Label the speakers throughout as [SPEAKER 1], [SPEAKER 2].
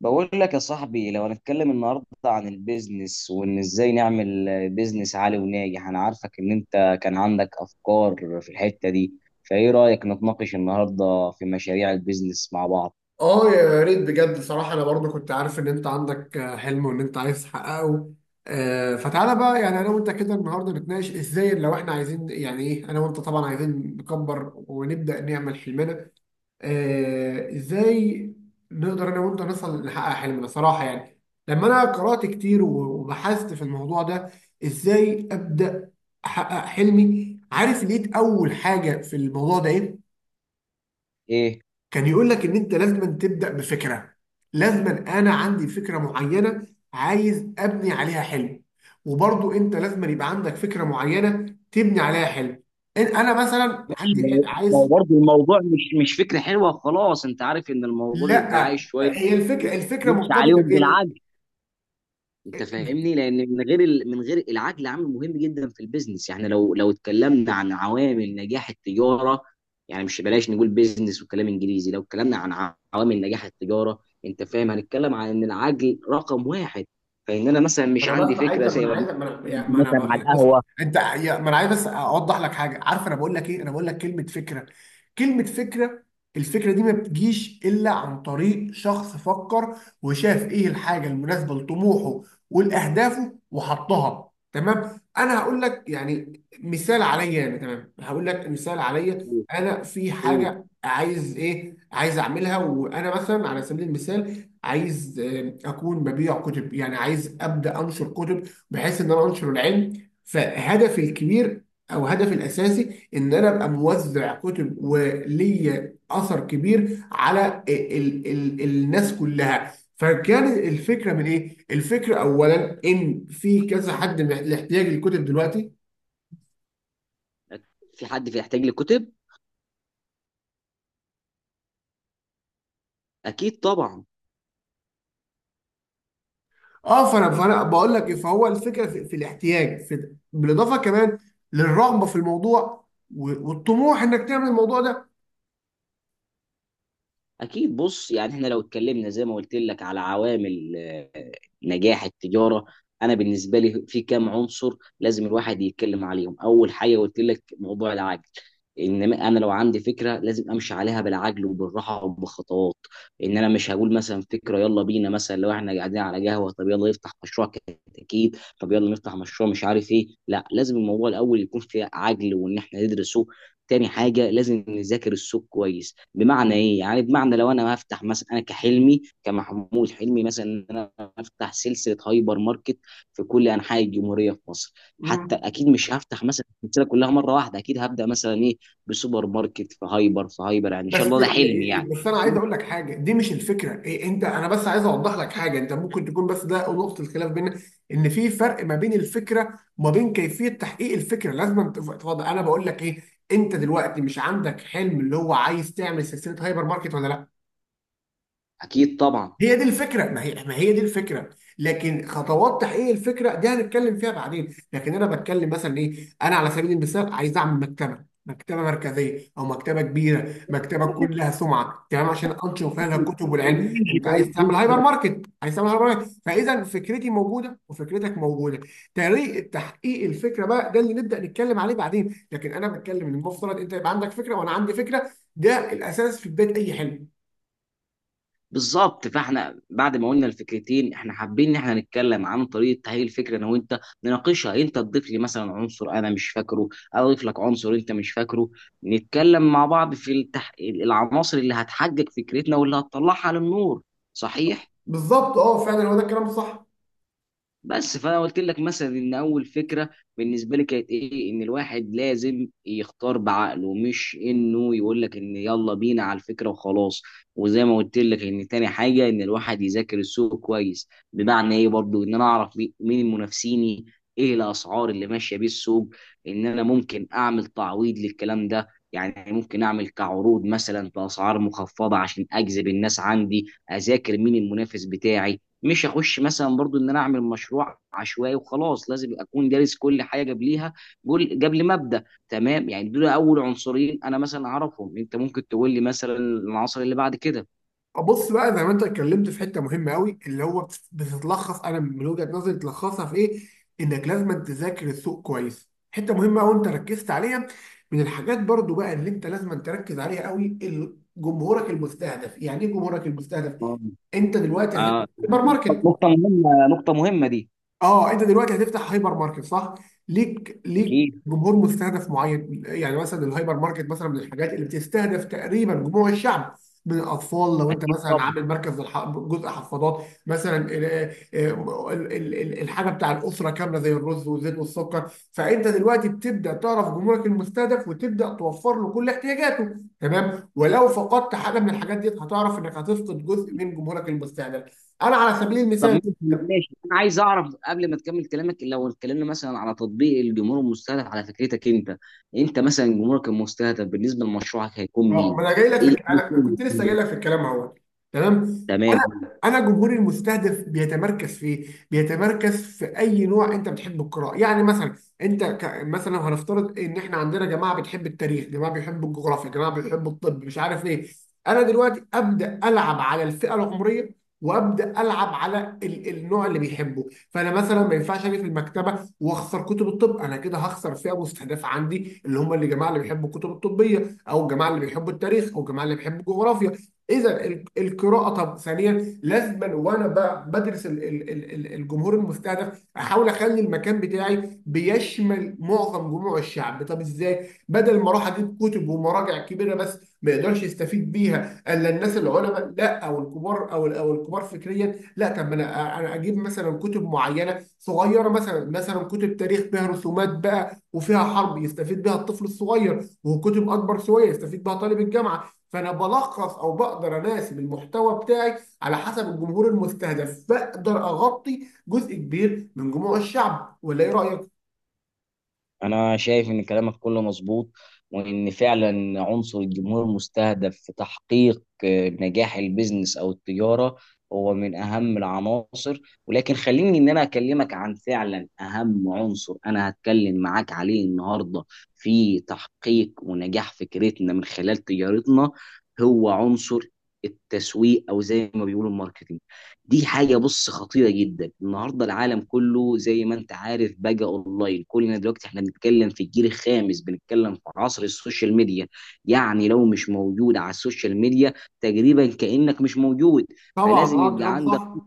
[SPEAKER 1] بقول لك يا صاحبي، لو هنتكلم النهارده عن البيزنس وان ازاي نعمل بيزنس عالي وناجح. انا عارفك ان انت كان عندك افكار في الحتة دي، فايه رأيك نتناقش النهارده في مشاريع البيزنس مع بعض؟
[SPEAKER 2] اه، يا ريت بجد صراحة. أنا برضو كنت عارف إن أنت عندك حلم وإن أنت عايز تحققه. فتعالى بقى، يعني أنا وأنت كده النهاردة نتناقش إزاي، لو إحنا عايزين، يعني إيه، أنا وأنت طبعا عايزين نكبر ونبدأ نعمل حلمنا. إزاي نقدر أنا وأنت نصل نحقق حلمنا صراحة؟ يعني لما أنا قرأت كتير و- وبحثت في الموضوع ده، إزاي أبدأ أحقق حلمي، عارف؟ لقيت أول حاجة في الموضوع ده إيه؟
[SPEAKER 1] ايه.
[SPEAKER 2] كان يقول لك ان انت لازم تبدا بفكره، لازم انا عندي فكره معينه عايز ابني عليها حلم، وبرضو انت لازم يبقى عندك فكره معينه تبني عليها حلم. انا مثلا
[SPEAKER 1] ماشي،
[SPEAKER 2] عندي
[SPEAKER 1] ما ما هو
[SPEAKER 2] عايز...
[SPEAKER 1] برضه الموضوع مش فكرة حلوة خلاص. انت عارف ان الموضوع بيبقى
[SPEAKER 2] لا،
[SPEAKER 1] عايز شوية
[SPEAKER 2] هي الفكره،
[SPEAKER 1] نمشي
[SPEAKER 2] مرتبطه
[SPEAKER 1] عليهم
[SPEAKER 2] بايه؟
[SPEAKER 1] بالعافية. انت فاهمني، لان من غير من غير العقل عامل مهم جدا في البيزنس. يعني لو اتكلمنا عن عوامل نجاح التجاره، يعني مش بلاش نقول بيزنس وكلام انجليزي. لو اتكلمنا عن عوامل نجاح التجاره، انت فاهم، هنتكلم عن ان العقل رقم واحد. فان انا مثلا مش
[SPEAKER 2] انا
[SPEAKER 1] عندي
[SPEAKER 2] بس عايز
[SPEAKER 1] فكره
[SPEAKER 2] ما
[SPEAKER 1] زي
[SPEAKER 2] انا عايز
[SPEAKER 1] ما
[SPEAKER 2] ما انا
[SPEAKER 1] مثلا على القهوه.
[SPEAKER 2] ما انا عايز بس اوضح لك حاجه. عارف انا بقول لك ايه؟ انا بقول لك كلمه فكره. الفكره دي ما بتجيش الا عن طريق شخص فكر وشاف ايه الحاجه المناسبه لطموحه ولاهدافه وحطها. تمام، انا هقول لك يعني مثال عليا، انا تمام هقول لك مثال عليا. انا في
[SPEAKER 1] أوه،
[SPEAKER 2] حاجه عايز ايه؟ عايز اعملها، وانا مثلا على سبيل المثال عايز اكون ببيع كتب، يعني عايز ابدا انشر كتب بحيث ان انا انشر العلم، فهدفي الكبير او هدفي الاساسي ان انا ابقى موزع كتب وليا اثر كبير على ال ال الناس كلها. فكان الفكره من ايه؟ الفكره اولا ان في كذا حد محتاج الكتب دلوقتي.
[SPEAKER 1] في حد بيحتاج لكتب؟ اكيد طبعا.
[SPEAKER 2] اه، فانا بقول لك إيه، فهو الفكره في الاحتياج، في بالاضافه كمان للرغبه في الموضوع و- والطموح انك تعمل الموضوع ده.
[SPEAKER 1] اكيد. بص، يعني احنا لو اتكلمنا زي ما قلت لك على عوامل نجاح التجاره، انا بالنسبه لي في كام عنصر لازم الواحد يتكلم عليهم. اول حاجه قلت لك، موضوع العجل. ان انا لو عندي فكره لازم امشي عليها بالعجل وبالراحه وبخطوات. ان انا مش هقول مثلا فكره يلا بينا، مثلا لو احنا قاعدين على قهوه طب يلا نفتح مشروع، كتاكيد طب يلا نفتح مشروع مش عارف ايه. لا، لازم الموضوع الاول يكون فيه عجل وان احنا ندرسه. تاني حاجة لازم نذاكر السوق كويس. بمعنى ايه؟ يعني بمعنى لو انا هفتح مثلا، انا كحلمي كمحمود حلمي مثلا ان انا افتح سلسلة هايبر ماركت في كل انحاء الجمهورية في مصر. حتى
[SPEAKER 2] مم.
[SPEAKER 1] اكيد مش هفتح مثلا السلسلة كلها مرة واحدة. اكيد هبدأ مثلا ايه، بسوبر ماركت في هايبر. يعني ان شاء
[SPEAKER 2] بس
[SPEAKER 1] الله ده حلمي يعني.
[SPEAKER 2] بس انا عايز اقول لك حاجه، دي مش الفكره إيه انت. انا بس عايز اوضح لك حاجه، انت ممكن تكون، بس ده نقطه الخلاف بيننا. ان في فرق ما بين الفكره وما بين كيفيه تحقيق الفكره. لازم تفضل، انا بقول لك ايه. انت دلوقتي مش عندك حلم اللي هو عايز تعمل سلسله هايبر ماركت ولا لا؟
[SPEAKER 1] اكيد طبعا.
[SPEAKER 2] هي دي الفكره، ما هي دي الفكره. لكن خطوات تحقيق الفكره دي هنتكلم فيها بعدين، لكن انا بتكلم مثلا ايه. انا على سبيل المثال عايز اعمل مكتبه مكتبه مركزيه او مكتبه كبيره، مكتبه تكون لها سمعه، تمام، عشان انشر فيها الكتب والعلم. انت عايز تعمل هايبر ماركت، عايز تعمل هايبر ماركت، فاذا فكرتي موجوده وفكرتك موجوده. طريقه تحقيق الفكره بقى ده اللي نبدا نتكلم عليه بعدين، لكن انا بتكلم ان المفترض انت يبقى عندك فكره وانا عندي فكره. ده الاساس في بدايه اي حلم.
[SPEAKER 1] بالظبط، فاحنا بعد ما قلنا الفكرتين احنا حابين ان احنا نتكلم عن طريقه تهيئ الفكره. انا وانت نناقشها، انت تضيف لي مثلا عنصر انا مش فاكره، أنا اضيف لك عنصر انت مش فاكره. نتكلم مع بعض في العناصر اللي هتحقق فكرتنا واللي هتطلعها للنور. صحيح.
[SPEAKER 2] بالظبط، اه فعلا هو ده الكلام الصح.
[SPEAKER 1] بس فانا قلت لك مثلا ان اول فكره بالنسبه لي كانت ايه، ان الواحد لازم يختار بعقله، مش انه يقول لك ان يلا بينا على الفكره وخلاص. وزي ما قلت لك ان تاني حاجه ان الواحد يذاكر السوق كويس. بمعنى ايه؟ برضو ان انا اعرف مين منافسيني، ايه الاسعار اللي ماشيه بيه السوق، ان انا ممكن اعمل تعويض للكلام ده. يعني ممكن اعمل كعروض مثلا باسعار مخفضه عشان اجذب الناس عندي. اذاكر مين المنافس بتاعي. مش هخش مثلا برضو ان انا اعمل مشروع عشوائي وخلاص. لازم اكون دارس كل حاجه قبليها، قبل ما ابدا. تمام، يعني دول اول عنصرين انا مثلا اعرفهم. انت ممكن تقول لي مثلا العنصر اللي بعد كده؟
[SPEAKER 2] بص بقى، زي ما انت اتكلمت في حته مهمه قوي، اللي هو بتتلخص، انا من وجهه نظري تلخصها في ايه؟ انك لازم تذاكر السوق كويس. حته مهمه قوي انت ركزت عليها. من الحاجات برضو بقى اللي انت لازم تركز عليها قوي، جمهورك المستهدف، يعني ايه جمهورك المستهدف؟
[SPEAKER 1] آه.
[SPEAKER 2] انت دلوقتي هتبقى
[SPEAKER 1] آه،
[SPEAKER 2] سايبر ماركت.
[SPEAKER 1] نقطه مهمه، نقطه مهمه دي.
[SPEAKER 2] اه، انت دلوقتي هتفتح هايبر ماركت صح؟ ليك
[SPEAKER 1] اكيد.
[SPEAKER 2] جمهور مستهدف معين، يعني مثلا الهايبر ماركت مثلا من الحاجات اللي بتستهدف تقريبا جموع الشعب، من الاطفال. لو انت
[SPEAKER 1] اكيد
[SPEAKER 2] مثلا
[SPEAKER 1] طبعا.
[SPEAKER 2] عامل مركز جزء حفاضات مثلا، الحاجه بتاع الاسره كامله زي الرز والزيت والسكر، فانت دلوقتي بتبدا تعرف جمهورك المستهدف وتبدا توفر له كل احتياجاته. تمام، ولو فقدت حاجه من الحاجات دي هتعرف انك هتفقد جزء من جمهورك المستهدف. انا على سبيل
[SPEAKER 1] طب،
[SPEAKER 2] المثال،
[SPEAKER 1] ماشي، ماشي، انا عايز اعرف قبل ما تكمل كلامك، لو اتكلمنا مثلا على تطبيق الجمهور المستهدف على فكرتك انت. انت مثلا جمهورك المستهدف بالنسبه لمشروعك هيكون
[SPEAKER 2] اه
[SPEAKER 1] مين؟
[SPEAKER 2] ما انا جاي لك
[SPEAKER 1] ايه الفيلم
[SPEAKER 2] أنا
[SPEAKER 1] اللي
[SPEAKER 2] كنت
[SPEAKER 1] هيكون
[SPEAKER 2] لسه جاي
[SPEAKER 1] ده؟
[SPEAKER 2] لك في الكلام اهو. تمام. انا
[SPEAKER 1] تمام.
[SPEAKER 2] انا جمهوري المستهدف بيتمركز في ايه؟ بيتمركز في اي نوع انت بتحب القراءه. يعني مثلا انت مثلا هنفترض ان احنا عندنا جماعه بتحب التاريخ، جماعه بيحبوا الجغرافيا، جماعه بيحبوا الطب، مش عارف ايه. انا دلوقتي ابدا العب على الفئه العمريه، وابدا العب على النوع اللي بيحبه. فانا مثلا ما ينفعش اجي في المكتبه واخسر كتب الطب، انا كده هخسر فئه مستهدفه عندي، اللي هم اللي جماعه اللي بيحبوا الكتب الطبيه، او الجماعه اللي بيحبوا التاريخ، او الجماعه اللي بيحبوا الجغرافيا. اذا القراءه. طب ثانيا لازما، وانا بدرس الجمهور المستهدف، احاول اخلي المكان بتاعي بيشمل معظم جموع الشعب. طب ازاي؟ بدل ما اروح اجيب كتب ومراجع كبيره بس ما يقدرش يستفيد بيها الا الناس العلماء، لا، او الكبار، او الكبار فكريا، لا. طب ما انا اجيب مثلا كتب معينه صغيره، مثلا كتب تاريخ فيها رسومات بقى وفيها حرب يستفيد بها الطفل الصغير، وكتب اكبر شويه يستفيد بها طالب الجامعه. فانا بلخص، او بقدر اناسب المحتوى بتاعي على حسب الجمهور المستهدف، بقدر اغطي جزء كبير من جموع الشعب، ولا ايه رايك؟
[SPEAKER 1] انا شايف ان كلامك كله مظبوط، وان فعلا عنصر الجمهور المستهدف في تحقيق نجاح البيزنس او التجاره هو من اهم العناصر. ولكن خليني ان انا اكلمك عن فعلا اهم عنصر انا هتكلم معاك عليه النهارده في تحقيق ونجاح فكرتنا من خلال تجارتنا. هو عنصر التسويق، او زي ما بيقولوا الماركتينج. دي حاجة بص خطيرة جدا. النهاردة العالم كله زي ما انت عارف بقى اونلاين. كلنا دلوقتي احنا بنتكلم في الجيل الخامس، بنتكلم في عصر السوشيال ميديا. يعني لو مش موجود على السوشيال ميديا تقريبا كأنك مش موجود.
[SPEAKER 2] طبعا،
[SPEAKER 1] فلازم
[SPEAKER 2] اه
[SPEAKER 1] يبقى
[SPEAKER 2] كلام
[SPEAKER 1] عندك.
[SPEAKER 2] صح.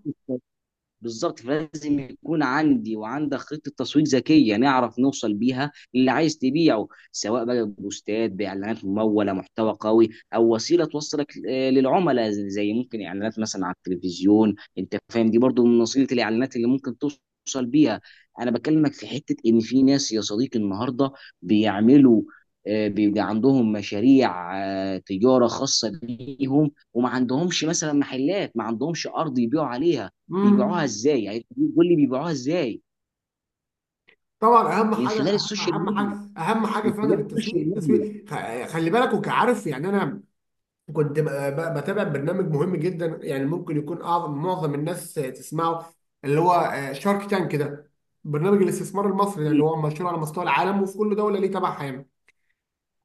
[SPEAKER 1] بالظبط، فلازم يكون عندي وعندك خطه تسويق ذكيه نعرف نوصل بيها للي عايز تبيعه، سواء بقى ببوستات، باعلانات مموله، محتوى قوي، او وسيله توصلك للعملاء، زي ممكن اعلانات مثلا على التلفزيون. انت فاهم دي برضو من وسيله الاعلانات اللي ممكن توصل بيها. انا بكلمك في حته ان في ناس يا صديقي النهارده بيعملوا، بيبقى عندهم مشاريع تجاره خاصه بيهم، وما عندهمش مثلا محلات، ما عندهمش ارض يبيعوا عليها. بيبيعوها
[SPEAKER 2] امم،
[SPEAKER 1] ازاي يعني؟ قول لي بيبيعوها ازاي.
[SPEAKER 2] طبعا اهم
[SPEAKER 1] من
[SPEAKER 2] حاجه،
[SPEAKER 1] خلال
[SPEAKER 2] اهم
[SPEAKER 1] السوشيال
[SPEAKER 2] اهم
[SPEAKER 1] ميديا.
[SPEAKER 2] حاجه اهم حاجه
[SPEAKER 1] من خلال
[SPEAKER 2] فعلا
[SPEAKER 1] السوشيال
[SPEAKER 2] التسويق.
[SPEAKER 1] ميديا.
[SPEAKER 2] خلي بالك. وكعارف يعني، انا كنت بتابع برنامج مهم جدا، يعني ممكن يكون اعظم معظم الناس تسمعه، اللي هو شارك تانك كده، برنامج الاستثمار المصري ده اللي
[SPEAKER 1] اكيد.
[SPEAKER 2] هو مشهور على مستوى العالم وفي كل دوله ليه تبعها يعني.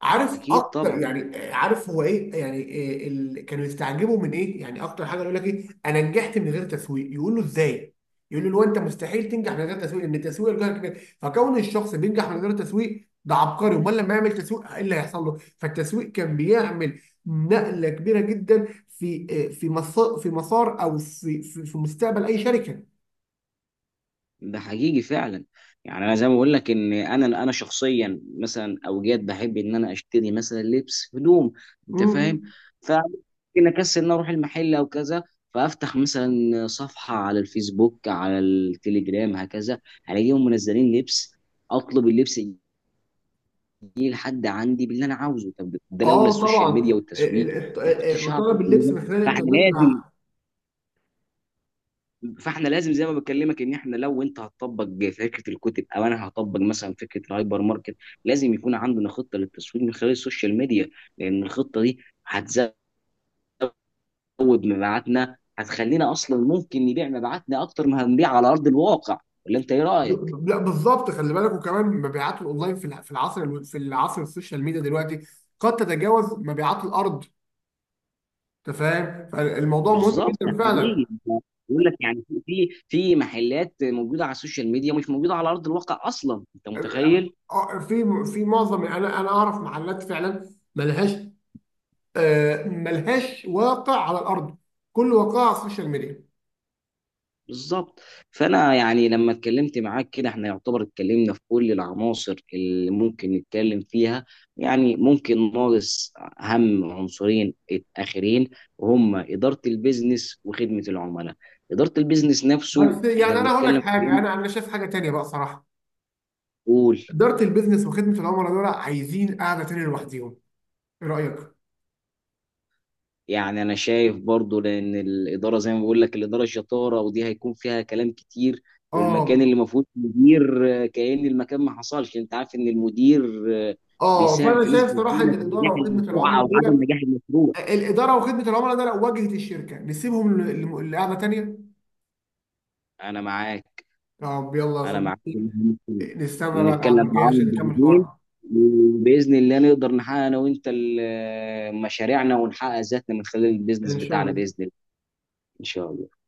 [SPEAKER 2] عارف
[SPEAKER 1] اكيد
[SPEAKER 2] اكتر
[SPEAKER 1] طبعا.
[SPEAKER 2] يعني، عارف هو ايه، يعني إيه كانوا يستعجبوا من ايه؟ يعني اكتر حاجه يقول لك ايه، انا نجحت من غير تسويق، يقول له ازاي؟ يقول له لو انت مستحيل تنجح من غير تسويق، لان التسويق الجهل كبير، فكون الشخص بينجح من غير تسويق ده عبقري، امال لما يعمل تسويق ايه اللي هيحصل له؟ فالتسويق كان بيعمل نقله كبيره جدا في في مسار او في مستقبل اي شركه.
[SPEAKER 1] ده حقيقي فعلا. يعني انا زي ما بقول لك ان انا شخصيا مثلا اوجات بحب ان انا اشتري مثلا لبس هدوم. انت
[SPEAKER 2] مم.
[SPEAKER 1] فاهم. فممكن اكسل ان أنا اروح المحل او كذا، فافتح مثلا صفحه على الفيسبوك، على التليجرام، هكذا الاقيهم منزلين لبس، اطلب اللبس، يجي لحد عندي باللي انا عاوزه. طب ده لولا
[SPEAKER 2] اه
[SPEAKER 1] السوشيال ميديا
[SPEAKER 2] طبعا،
[SPEAKER 1] والتسويق ما كنتش هعرف
[SPEAKER 2] طلب
[SPEAKER 1] أوصل
[SPEAKER 2] اللبس
[SPEAKER 1] لده.
[SPEAKER 2] من خلال
[SPEAKER 1] فاحنا
[SPEAKER 2] الانترنت
[SPEAKER 1] لازم
[SPEAKER 2] ده.
[SPEAKER 1] فاحنا لازم زي ما بكلمك ان احنا لو انت هتطبق فكره الكتب او انا هطبق مثلا فكره الهايبر ماركت، لازم يكون عندنا خطه للتسويق من خلال السوشيال ميديا. لان الخطه دي هتزود مبيعاتنا، هتخلينا اصلا ممكن نبيع مبيعاتنا اكتر ما هنبيع على ارض الواقع. ولا انت ايه رايك؟
[SPEAKER 2] لا، بالظبط، خلي بالك. وكمان مبيعات الاونلاين في في العصر السوشيال ميديا دلوقتي قد تتجاوز مبيعات الارض. انت فاهم، فالموضوع مهم
[SPEAKER 1] بالظبط،
[SPEAKER 2] جدا فعلا.
[SPEAKER 1] تحليليه، بقول لك يعني في محلات موجوده على السوشيال ميديا مش موجوده على ارض الواقع اصلا. انت متخيل؟
[SPEAKER 2] آه، في في معظم انا انا اعرف محلات فعلا ملهاش، ملهاش واقع على الارض، كل واقعها على السوشيال ميديا.
[SPEAKER 1] بالظبط. فانا يعني لما اتكلمت معاك كده احنا يعتبر اتكلمنا في كل العناصر اللي ممكن نتكلم فيها. يعني ممكن ناقص اهم عنصرين اخرين، وهم اداره البيزنس وخدمه العملاء. اداره البيزنس نفسه
[SPEAKER 2] بس يعني
[SPEAKER 1] احنا
[SPEAKER 2] انا هقول لك
[SPEAKER 1] بنتكلم في.
[SPEAKER 2] حاجه، انا شايف حاجه تانيه بقى صراحه.
[SPEAKER 1] قول.
[SPEAKER 2] اداره البيزنس وخدمه العملاء دول عايزين قاعده تانيه لوحديهم، ايه رايك؟
[SPEAKER 1] يعني انا شايف برضو، لان الاداره زي ما بقول لك، الاداره شطاره ودي هيكون فيها كلام كتير. والمكان
[SPEAKER 2] اه،
[SPEAKER 1] اللي ما فيهوش مدير كأن المكان ما حصلش. انت عارف ان المدير آه،
[SPEAKER 2] اه،
[SPEAKER 1] بيساهم في
[SPEAKER 2] فانا شايف
[SPEAKER 1] نسبه
[SPEAKER 2] صراحه ان
[SPEAKER 1] كبيره في نجاح
[SPEAKER 2] الاداره وخدمه
[SPEAKER 1] المشروع
[SPEAKER 2] العملاء
[SPEAKER 1] او عدم
[SPEAKER 2] دول.
[SPEAKER 1] نجاح المشروع.
[SPEAKER 2] الاداره وخدمه العملاء ده لو واجهه الشركه نسيبهم لقعده تانيه.
[SPEAKER 1] انا معاك.
[SPEAKER 2] طب يلا يا
[SPEAKER 1] انا معاك في
[SPEAKER 2] صديقي،
[SPEAKER 1] المهم ده.
[SPEAKER 2] نستنى بقى القعده
[SPEAKER 1] نتكلم
[SPEAKER 2] الجايه عشان
[SPEAKER 1] معاهم
[SPEAKER 2] نكمل
[SPEAKER 1] بعدين.
[SPEAKER 2] حوارنا.
[SPEAKER 1] وباذن الله نقدر نحقق انا وانت مشاريعنا ونحقق ذاتنا من خلال البيزنس
[SPEAKER 2] ان شاء
[SPEAKER 1] بتاعنا
[SPEAKER 2] الله.
[SPEAKER 1] باذن الله. ان شاء الله.